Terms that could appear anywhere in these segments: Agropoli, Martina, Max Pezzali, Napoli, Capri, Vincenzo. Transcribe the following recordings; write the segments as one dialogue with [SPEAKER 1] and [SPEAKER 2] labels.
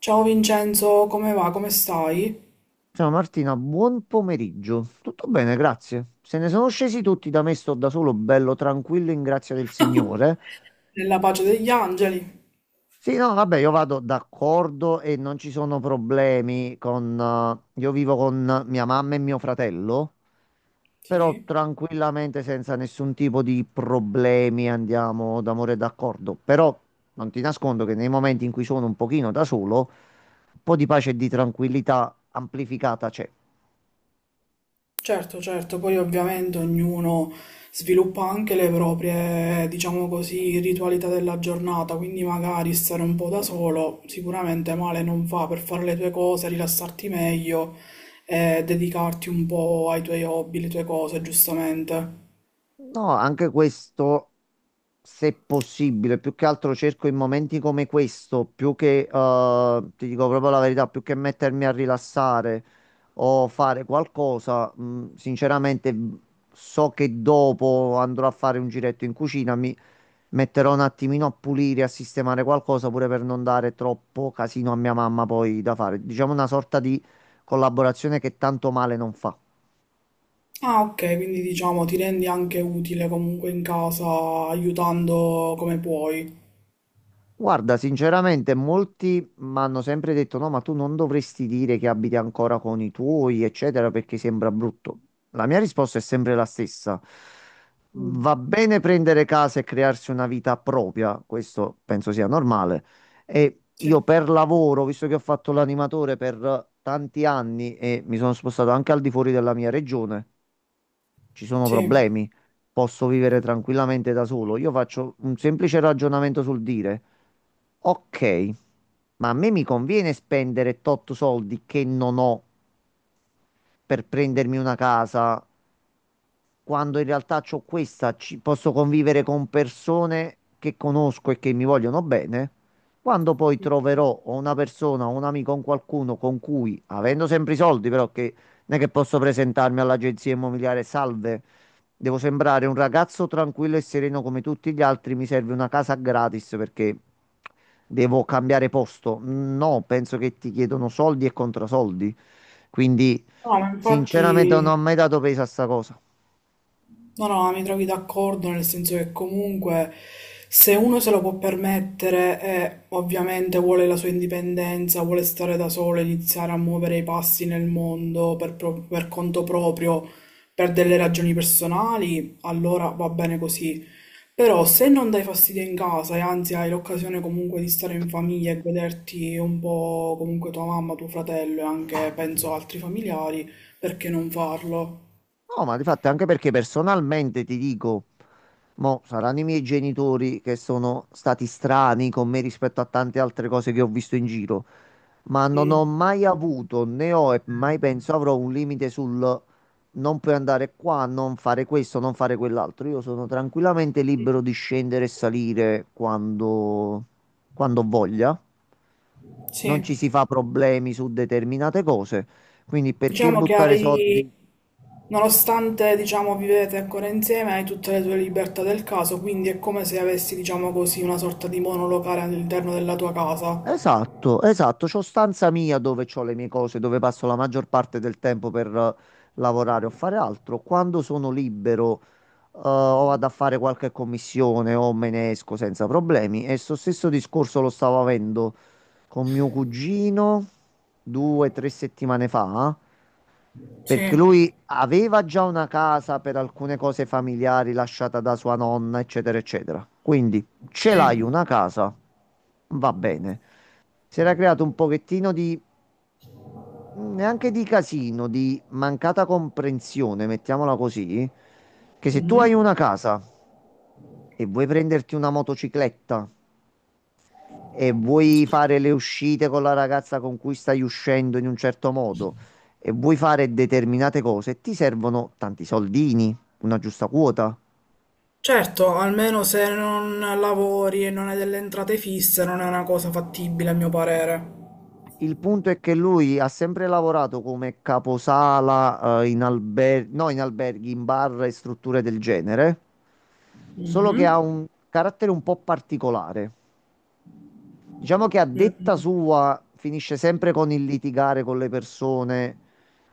[SPEAKER 1] Ciao Vincenzo, come va? Come stai?
[SPEAKER 2] Ciao Martina, buon pomeriggio. Tutto bene, grazie. Se ne sono scesi tutti da me, sto da solo, bello tranquillo, in grazia del Signore.
[SPEAKER 1] Nella pace degli angeli?
[SPEAKER 2] Sì, no, vabbè, io vado d'accordo e non ci sono problemi io vivo con mia mamma e mio fratello, però
[SPEAKER 1] Sì,
[SPEAKER 2] tranquillamente, senza nessun tipo di problemi, andiamo d'amore e d'accordo. Però non ti nascondo che nei momenti in cui sono un pochino da solo, un po' di pace e di tranquillità amplificata c'è.
[SPEAKER 1] certo, certo, poi ovviamente ognuno sviluppa anche le proprie, diciamo così, ritualità della giornata, quindi magari stare un po' da solo sicuramente male non fa per fare le tue cose, rilassarti meglio e dedicarti un po' ai tuoi hobby, le tue cose, giustamente.
[SPEAKER 2] No, anche questo, se possibile, più che altro cerco in momenti come questo, più che, ti dico proprio la verità, più che mettermi a rilassare o fare qualcosa, sinceramente so che dopo andrò a fare un giretto in cucina, mi metterò un attimino a pulire, a sistemare qualcosa, pure per non dare troppo casino a mia mamma poi da fare. Diciamo una sorta di collaborazione che tanto male non fa.
[SPEAKER 1] Ah, ok, quindi diciamo ti rendi anche utile comunque in casa aiutando come puoi.
[SPEAKER 2] Guarda, sinceramente molti mi hanno sempre detto no, ma tu non dovresti dire che abiti ancora con i tuoi, eccetera, perché sembra brutto. La mia risposta è sempre la stessa.
[SPEAKER 1] Mm.
[SPEAKER 2] Va bene prendere casa e crearsi una vita propria, questo penso sia normale. E
[SPEAKER 1] Sì.
[SPEAKER 2] io per lavoro, visto che ho fatto l'animatore per tanti anni e mi sono spostato anche al di fuori della mia regione, ci sono
[SPEAKER 1] Sì,
[SPEAKER 2] problemi, posso vivere tranquillamente da solo. Io faccio un semplice ragionamento sul dire, ok, ma a me mi conviene spendere tot soldi che non ho per prendermi una casa quando in realtà c'ho questa, ci posso convivere con persone che conosco e che mi vogliono bene. Quando poi troverò o una persona, o un amico, o un qualcuno con cui, avendo sempre i soldi, però che non è che posso presentarmi all'agenzia immobiliare, salve, devo sembrare un ragazzo tranquillo e sereno come tutti gli altri, mi serve una casa gratis perché devo cambiare posto. No, penso che ti chiedono soldi e contrasoldi. Quindi,
[SPEAKER 1] no, ma
[SPEAKER 2] sinceramente, non ho
[SPEAKER 1] infatti,
[SPEAKER 2] mai dato peso a sta cosa.
[SPEAKER 1] no, no, mi trovi d'accordo nel senso che comunque se uno se lo può permettere e ovviamente vuole la sua indipendenza, vuole stare da solo, iniziare a muovere i passi nel mondo per, per conto proprio, per delle ragioni personali, allora va bene così. Però se non dai fastidio in casa e anzi hai l'occasione comunque di stare in famiglia e goderti un po' comunque tua mamma, tuo fratello e anche penso altri familiari, perché non farlo?
[SPEAKER 2] No, ma di fatto anche perché personalmente ti dico, mo saranno i miei genitori che sono stati strani con me rispetto a tante altre cose che ho visto in giro, ma non ho
[SPEAKER 1] Mm,
[SPEAKER 2] mai avuto, né ho e mai penso avrò un limite sul non puoi andare qua, non fare questo, non fare quell'altro. Io sono tranquillamente libero di scendere e salire quando voglia. Non
[SPEAKER 1] sì,
[SPEAKER 2] ci si fa problemi su determinate cose, quindi perché
[SPEAKER 1] diciamo che
[SPEAKER 2] buttare
[SPEAKER 1] hai,
[SPEAKER 2] soldi?
[SPEAKER 1] nonostante diciamo vivete ancora insieme, hai tutte le tue libertà del caso, quindi è come se avessi diciamo così una sorta di monolocale all'interno della tua casa.
[SPEAKER 2] Esatto, esatto, c'ho stanza mia dove c'ho le mie cose, dove passo la maggior parte del tempo per lavorare o fare altro. Quando sono libero, o vado a fare qualche commissione o me ne esco senza problemi. E sto stesso discorso lo stavo avendo con mio cugino due o tre settimane fa, perché
[SPEAKER 1] Sì,
[SPEAKER 2] lui aveva già una casa per alcune cose familiari lasciata da sua nonna, eccetera, eccetera. Quindi ce
[SPEAKER 1] sì.
[SPEAKER 2] l'hai una casa, va bene si era creato un pochettino di, neanche di casino, di mancata comprensione, mettiamola così, che se tu hai
[SPEAKER 1] Mhm.
[SPEAKER 2] una casa e vuoi prenderti una motocicletta e vuoi
[SPEAKER 1] Sì.
[SPEAKER 2] fare le uscite con la ragazza con cui stai uscendo in un certo modo e vuoi fare determinate cose, ti servono tanti soldini, una giusta quota.
[SPEAKER 1] Certo, almeno se non lavori e non hai delle entrate fisse non è una cosa fattibile a mio parere.
[SPEAKER 2] Il punto è che lui ha sempre lavorato come caposala, no, in alberghi, in bar e strutture del genere, solo che
[SPEAKER 1] Mhm.
[SPEAKER 2] ha un carattere un po' particolare. Diciamo che a detta
[SPEAKER 1] Mm.
[SPEAKER 2] sua finisce sempre con il litigare con le persone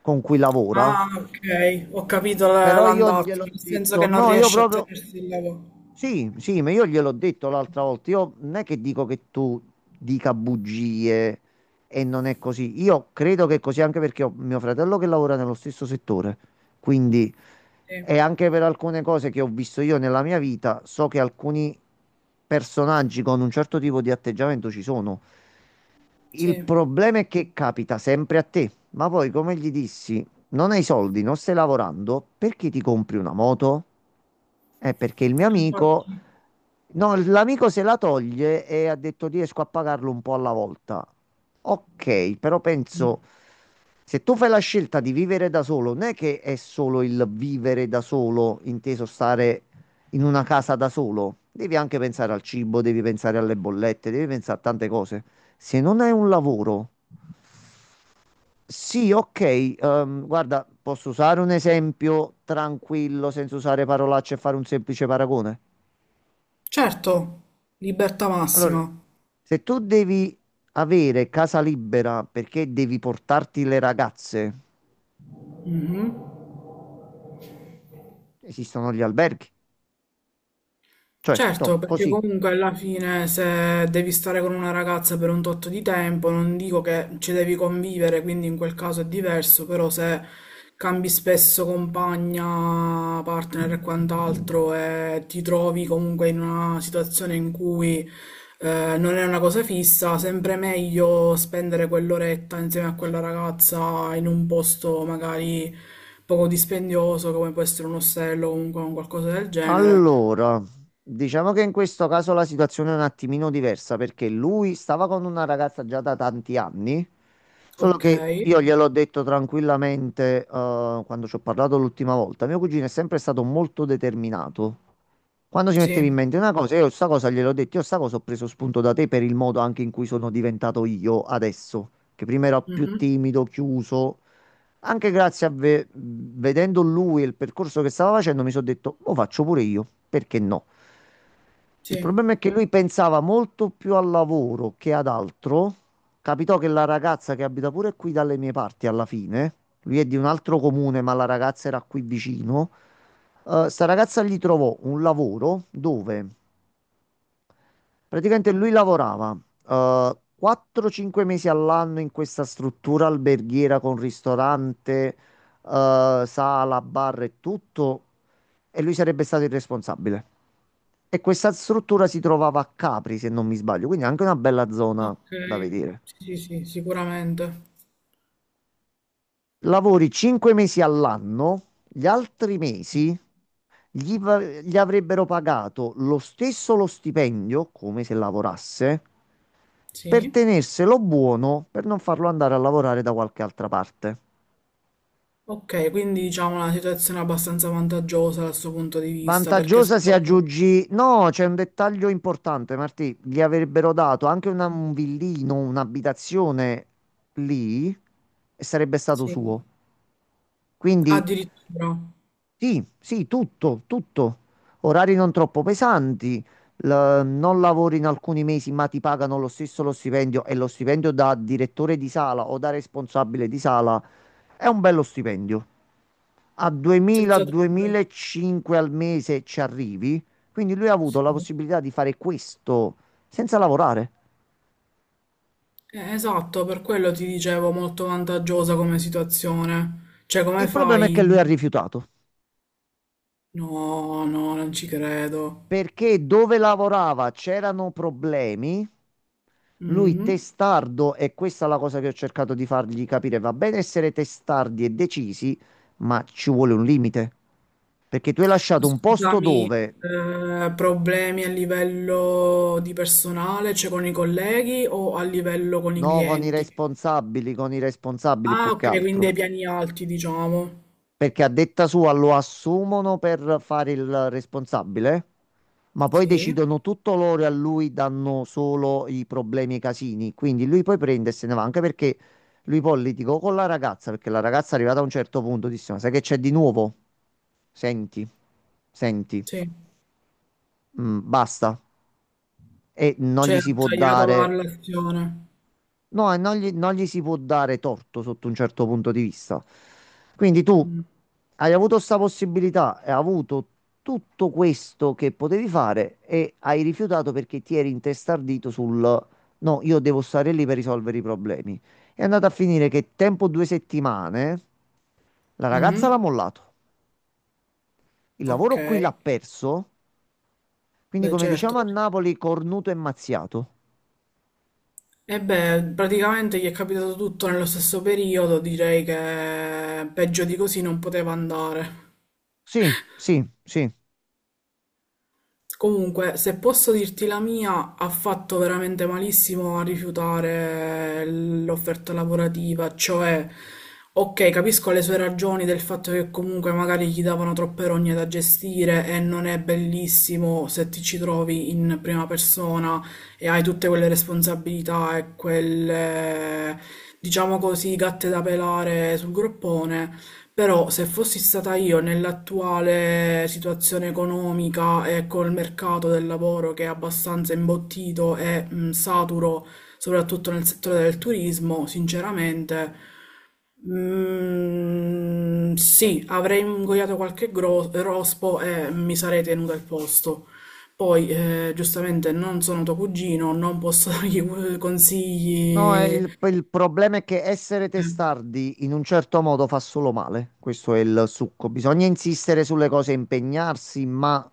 [SPEAKER 2] con cui lavora,
[SPEAKER 1] Ah, ok, ho capito
[SPEAKER 2] però io
[SPEAKER 1] l'andazzo,
[SPEAKER 2] gliel'ho
[SPEAKER 1] nel senso
[SPEAKER 2] detto,
[SPEAKER 1] che non
[SPEAKER 2] no, io
[SPEAKER 1] riesci a
[SPEAKER 2] proprio
[SPEAKER 1] tenersi il lavoro.
[SPEAKER 2] sì, sì, ma io gliel'ho detto l'altra volta. Io non è che dico che tu dica bugie e non è così. Io credo che è così anche perché ho mio fratello che lavora nello stesso settore. Quindi,
[SPEAKER 1] Sì,
[SPEAKER 2] e anche per alcune cose che ho visto io nella mia vita, so che alcuni personaggi con un certo tipo di atteggiamento ci sono. Il
[SPEAKER 1] sì.
[SPEAKER 2] problema è che capita sempre a te. Ma poi, come gli dissi, non hai soldi, non stai lavorando, perché ti compri una moto? Perché il mio amico,
[SPEAKER 1] Infatti.
[SPEAKER 2] no, l'amico se la toglie e ha detto riesco a pagarlo un po' alla volta. Ok, però
[SPEAKER 1] Mm.
[SPEAKER 2] penso, se tu fai la scelta di vivere da solo, non è che è solo il vivere da solo, inteso stare in una casa da solo. Devi anche pensare al cibo, devi pensare alle bollette, devi pensare a tante cose. Se non hai un lavoro, sì, ok, guarda, posso usare un esempio tranquillo, senza usare parolacce e fare un semplice paragone.
[SPEAKER 1] Certo, libertà
[SPEAKER 2] Allora,
[SPEAKER 1] massima.
[SPEAKER 2] se tu devi avere casa libera perché devi portarti le ragazze,
[SPEAKER 1] Mhm.
[SPEAKER 2] esistono gli alberghi. Cioè,
[SPEAKER 1] Certo,
[SPEAKER 2] to,
[SPEAKER 1] perché
[SPEAKER 2] così.
[SPEAKER 1] comunque alla fine se devi stare con una ragazza per un tot di tempo, non dico che ci devi convivere, quindi in quel caso è diverso, però se cambi spesso compagna, partner e quant'altro e ti trovi comunque in una situazione in cui non è una cosa fissa, sempre meglio spendere quell'oretta insieme a quella ragazza in un posto magari poco dispendioso, come può essere un ostello o comunque un qualcosa del genere.
[SPEAKER 2] Allora, diciamo che in questo caso la situazione è un attimino diversa perché lui stava con una ragazza già da tanti anni, solo
[SPEAKER 1] Ok.
[SPEAKER 2] che io gliel'ho detto tranquillamente, quando ci ho parlato l'ultima volta. Mio cugino è sempre stato molto determinato. Quando si metteva in
[SPEAKER 1] Sì,
[SPEAKER 2] mente una cosa, io sta cosa gliel'ho detto, io sta cosa ho preso spunto da te per il modo anche in cui sono diventato io adesso, che prima ero più
[SPEAKER 1] mh-mh,
[SPEAKER 2] timido, chiuso. Anche grazie a vedendo lui e il percorso che stava facendo, mi sono detto, lo faccio pure io, perché no? Il
[SPEAKER 1] sì,
[SPEAKER 2] problema è che lui pensava molto più al lavoro che ad altro. Capitò che la ragazza che abita pure qui dalle mie parti alla fine, lui è di un altro comune, ma la ragazza era qui vicino. Sta ragazza gli trovò un lavoro dove praticamente lui lavorava 4-5 mesi all'anno in questa struttura alberghiera con ristorante, sala, bar e tutto, e lui sarebbe stato il responsabile. E questa struttura si trovava a Capri, se non mi sbaglio, quindi anche una bella zona da
[SPEAKER 1] okay,
[SPEAKER 2] vedere.
[SPEAKER 1] sì, sì, sì, sicuramente,
[SPEAKER 2] Lavori 5 mesi all'anno, gli altri mesi gli avrebbero pagato lo stesso lo stipendio, come se lavorasse, per
[SPEAKER 1] sì.
[SPEAKER 2] tenerselo buono, per non farlo andare a lavorare da qualche altra parte.
[SPEAKER 1] Okay, quindi diciamo una situazione abbastanza vantaggiosa dal suo punto di vista, perché se
[SPEAKER 2] Vantaggiosa se
[SPEAKER 1] lav
[SPEAKER 2] aggiungi. No, c'è un dettaglio importante, Martì. Gli avrebbero dato anche un villino, un'abitazione lì e sarebbe stato
[SPEAKER 1] sì,
[SPEAKER 2] suo. Quindi
[SPEAKER 1] addirittura,
[SPEAKER 2] sì, sì, tutto, tutto. Orari non troppo pesanti, non lavori in alcuni mesi, ma ti pagano lo stesso lo stipendio e lo stipendio da direttore di sala o da responsabile di sala è un bello stipendio a
[SPEAKER 1] senza dubbio,
[SPEAKER 2] 2000-2005 al mese ci arrivi. Quindi lui ha avuto la
[SPEAKER 1] sì.
[SPEAKER 2] possibilità di fare questo senza lavorare.
[SPEAKER 1] Esatto, per quello ti dicevo molto vantaggiosa come situazione, cioè come
[SPEAKER 2] Il problema è che lui
[SPEAKER 1] fai
[SPEAKER 2] ha rifiutato
[SPEAKER 1] no, no, non ci credo.
[SPEAKER 2] perché dove lavorava c'erano problemi. Lui
[SPEAKER 1] Mh.
[SPEAKER 2] testardo, e questa è la cosa che ho cercato di fargli capire, va bene essere testardi e decisi, ma ci vuole un limite. Perché tu hai lasciato un posto
[SPEAKER 1] Scusami,
[SPEAKER 2] dove,
[SPEAKER 1] problemi a livello di personale, cioè con i colleghi o a livello con i
[SPEAKER 2] no,
[SPEAKER 1] clienti?
[SPEAKER 2] con i responsabili
[SPEAKER 1] Ah,
[SPEAKER 2] più che
[SPEAKER 1] ok, quindi
[SPEAKER 2] altro.
[SPEAKER 1] ai piani alti, diciamo.
[SPEAKER 2] Perché a detta sua lo assumono per fare il responsabile, ma poi
[SPEAKER 1] Sì,
[SPEAKER 2] decidono tutto loro e a lui danno solo i problemi e i casini. Quindi lui poi prende e se ne va, anche perché lui poi litigò con la ragazza, perché la ragazza arrivata a un certo punto disse, ma sai che c'è di nuovo? Senti, senti,
[SPEAKER 1] sì.
[SPEAKER 2] basta. E non
[SPEAKER 1] Cioè,
[SPEAKER 2] gli
[SPEAKER 1] ha
[SPEAKER 2] si può
[SPEAKER 1] tagliato la
[SPEAKER 2] dare
[SPEAKER 1] relazione.
[SPEAKER 2] no, e non gli si può dare torto sotto un certo punto di vista. Quindi tu
[SPEAKER 1] Mm.
[SPEAKER 2] hai avuto questa possibilità, hai avuto tutto questo che potevi fare e hai rifiutato perché ti eri intestardito sul no, io devo stare lì per risolvere i problemi. È andato a finire che tempo due settimane la ragazza
[SPEAKER 1] Mm.
[SPEAKER 2] l'ha mollato, il
[SPEAKER 1] Ok,
[SPEAKER 2] lavoro qui l'ha perso, quindi
[SPEAKER 1] beh,
[SPEAKER 2] come
[SPEAKER 1] certo.
[SPEAKER 2] diciamo a Napoli, cornuto e mazziato.
[SPEAKER 1] E beh, praticamente gli è capitato tutto nello stesso periodo, direi che peggio di così non poteva andare.
[SPEAKER 2] Sì, sì, sì.
[SPEAKER 1] Comunque, se posso dirti la mia, ha fatto veramente malissimo a rifiutare l'offerta lavorativa, cioè, ok, capisco le sue ragioni del fatto che comunque magari gli davano troppe rogne da gestire e non è bellissimo se ti ci trovi in prima persona e hai tutte quelle responsabilità e quelle, diciamo così, gatte da pelare sul groppone. Però se fossi stata io nell'attuale situazione economica e col mercato del lavoro che è abbastanza imbottito e saturo, soprattutto nel settore del turismo, sinceramente, sì, avrei ingoiato qualche rospo e mi sarei tenuta il posto. Poi, giustamente, non sono tuo cugino, non posso dargli
[SPEAKER 2] No, è
[SPEAKER 1] consigli.
[SPEAKER 2] il problema è che essere testardi in un certo modo fa solo male. Questo è il succo. Bisogna insistere sulle cose, impegnarsi, ma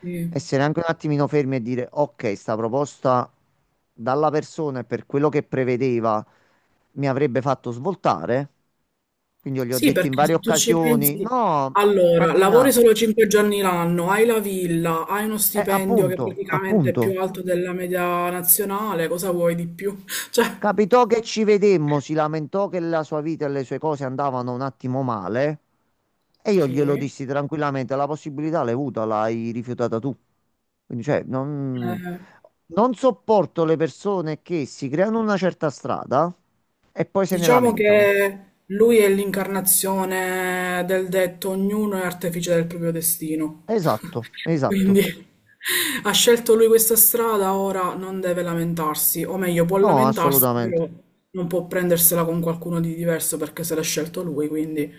[SPEAKER 1] Sì.
[SPEAKER 2] essere anche un attimino fermi e dire: ok, sta proposta dalla persona e per quello che prevedeva mi avrebbe fatto svoltare. Quindi io gli ho
[SPEAKER 1] Sì,
[SPEAKER 2] detto in
[SPEAKER 1] perché
[SPEAKER 2] varie
[SPEAKER 1] se tu ci
[SPEAKER 2] occasioni:
[SPEAKER 1] pensi,
[SPEAKER 2] no,
[SPEAKER 1] allora,
[SPEAKER 2] Martina,
[SPEAKER 1] lavori solo 5 giorni l'anno, hai la villa, hai uno stipendio che
[SPEAKER 2] appunto,
[SPEAKER 1] praticamente è più
[SPEAKER 2] appunto.
[SPEAKER 1] alto della media nazionale, cosa vuoi di più? Cioè,
[SPEAKER 2] Capitò che ci vedemmo, si lamentò che la sua vita e le sue cose andavano un attimo male e io
[SPEAKER 1] sì,
[SPEAKER 2] glielo dissi tranquillamente, la possibilità l'hai avuta, l'hai rifiutata tu. Quindi, cioè, non sopporto le persone che si creano una certa strada e poi se ne
[SPEAKER 1] diciamo
[SPEAKER 2] lamentano.
[SPEAKER 1] che lui è l'incarnazione del detto ognuno è artefice del proprio destino.
[SPEAKER 2] Esatto,
[SPEAKER 1] Quindi
[SPEAKER 2] esatto.
[SPEAKER 1] ha scelto lui questa strada, ora non deve lamentarsi, o meglio, può
[SPEAKER 2] No,
[SPEAKER 1] lamentarsi,
[SPEAKER 2] assolutamente.
[SPEAKER 1] però non può prendersela con qualcuno di diverso perché se l'ha scelto lui, quindi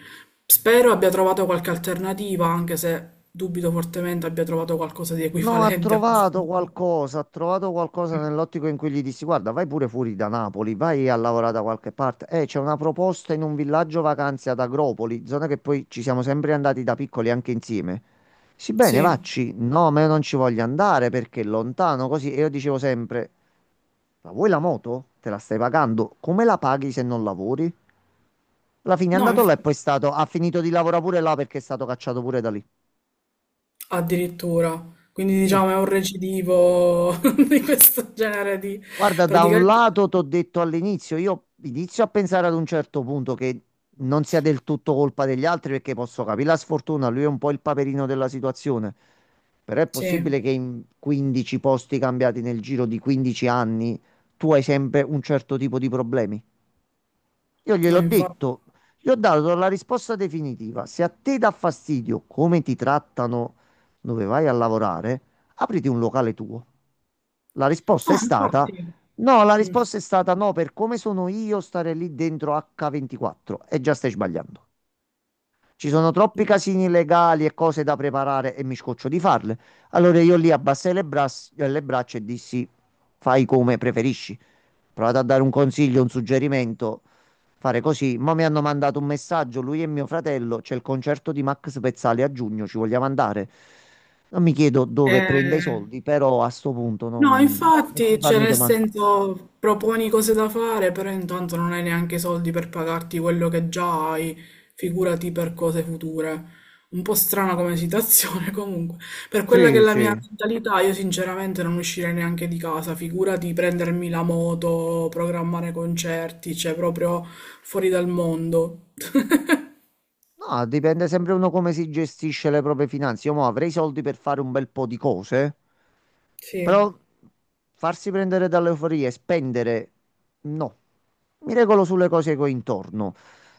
[SPEAKER 1] spero abbia trovato qualche alternativa, anche se dubito fortemente abbia trovato qualcosa di
[SPEAKER 2] No,
[SPEAKER 1] equivalente a questo.
[SPEAKER 2] ha trovato qualcosa nell'ottico in cui gli dissi, guarda, vai pure fuori da Napoli, vai a lavorare da qualche parte. C'è una proposta in un villaggio vacanze ad Agropoli, zona che poi ci siamo sempre andati da piccoli anche insieme. Sì, bene,
[SPEAKER 1] Sì,
[SPEAKER 2] vacci. No, ma io non ci voglio andare perché è lontano, così. E io dicevo sempre, ma vuoi la moto? Te la stai pagando? Come la paghi se non lavori? Alla fine è
[SPEAKER 1] no,
[SPEAKER 2] andato
[SPEAKER 1] inf-
[SPEAKER 2] là e poi è stato, ha finito di lavorare pure là perché è stato cacciato pure da lì.
[SPEAKER 1] addirittura. Quindi
[SPEAKER 2] Sì.
[SPEAKER 1] diciamo è un recidivo di questo genere di
[SPEAKER 2] Guarda, da un
[SPEAKER 1] praticamente
[SPEAKER 2] lato ti ho detto all'inizio, io inizio a pensare ad un certo punto che non sia del tutto colpa degli altri perché posso capire la sfortuna, lui è un po' il paperino della situazione, però è
[SPEAKER 1] sì,
[SPEAKER 2] possibile che in 15 posti cambiati nel giro di 15 anni tu hai sempre un certo tipo di problemi. Io
[SPEAKER 1] no,
[SPEAKER 2] gliel'ho
[SPEAKER 1] infatti.
[SPEAKER 2] detto, gli ho dato la risposta definitiva. Se a te dà fastidio come ti trattano dove vai a lavorare, apriti un locale tuo. La risposta è
[SPEAKER 1] No,
[SPEAKER 2] stata
[SPEAKER 1] infatti.
[SPEAKER 2] no, la risposta è stata no, per come sono io stare lì dentro H24 e già stai sbagliando. Ci sono troppi
[SPEAKER 1] Mm.
[SPEAKER 2] casini legali e cose da preparare e mi scoccio di farle. Allora io lì abbassai le, le braccia e dissi fai come preferisci. Provate a dare un consiglio, un suggerimento. Fare così. Ma mi hanno mandato un messaggio, lui e mio fratello, c'è il concerto di Max Pezzali a giugno, ci vogliamo andare. Non mi chiedo dove prende i
[SPEAKER 1] Eh,
[SPEAKER 2] soldi, però a sto punto
[SPEAKER 1] no,
[SPEAKER 2] non. Posso di
[SPEAKER 1] infatti, cioè,
[SPEAKER 2] farmi
[SPEAKER 1] nel
[SPEAKER 2] domande.
[SPEAKER 1] senso, proponi cose da fare, però intanto non hai neanche i soldi per pagarti quello che già hai, figurati per cose future. Un po' strana come situazione, comunque. Per quella che è
[SPEAKER 2] Sì,
[SPEAKER 1] la mia
[SPEAKER 2] sì.
[SPEAKER 1] mentalità, io sinceramente non uscirei neanche di casa, figurati prendermi la moto, programmare concerti, cioè proprio fuori dal mondo.
[SPEAKER 2] No, dipende sempre uno come si gestisce le proprie finanze. Io mo avrei i soldi per fare un bel po' di cose,
[SPEAKER 1] Sì.
[SPEAKER 2] però farsi prendere dall'euforia e spendere, no. Mi regolo sulle cose che ho intorno.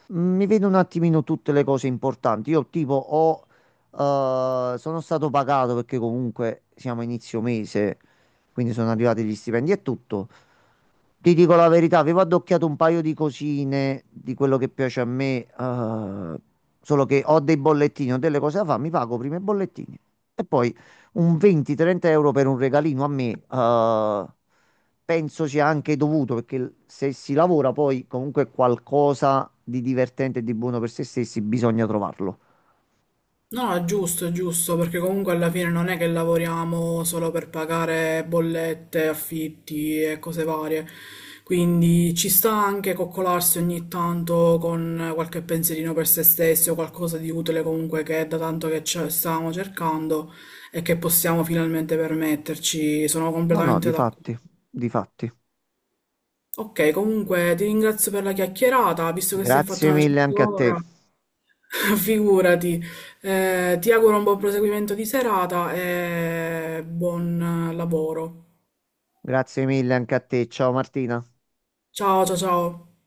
[SPEAKER 2] Mi vedo un attimino tutte le cose importanti. Io tipo ho, sono stato pagato perché comunque siamo a inizio mese, quindi sono arrivati gli stipendi e tutto. Ti dico la verità, avevo addocchiato un paio di cosine di quello che piace a me, solo che ho dei bollettini, ho delle cose da fare, mi pago prima i bollettini e poi un 20-30 euro per un regalino a me, penso sia anche dovuto perché se si lavora poi comunque qualcosa di divertente e di buono per se stessi bisogna trovarlo.
[SPEAKER 1] No, è giusto, perché comunque alla fine non è che lavoriamo solo per pagare bollette, affitti e cose varie. Quindi ci sta anche coccolarsi ogni tanto con qualche pensierino per se stessi o qualcosa di utile comunque che è da tanto che ce- stavamo cercando e che possiamo finalmente permetterci. Sono
[SPEAKER 2] No, no,
[SPEAKER 1] completamente
[SPEAKER 2] di
[SPEAKER 1] d'accordo.
[SPEAKER 2] fatti, di fatti.
[SPEAKER 1] Ok, comunque ti ringrazio per la chiacchierata, visto che si è fatta
[SPEAKER 2] Grazie
[SPEAKER 1] una
[SPEAKER 2] mille
[SPEAKER 1] certa
[SPEAKER 2] anche a te.
[SPEAKER 1] ora, figurati. Ti auguro un buon proseguimento di serata e buon lavoro.
[SPEAKER 2] Grazie mille anche a te. Ciao Martina.
[SPEAKER 1] Ciao, ciao, ciao.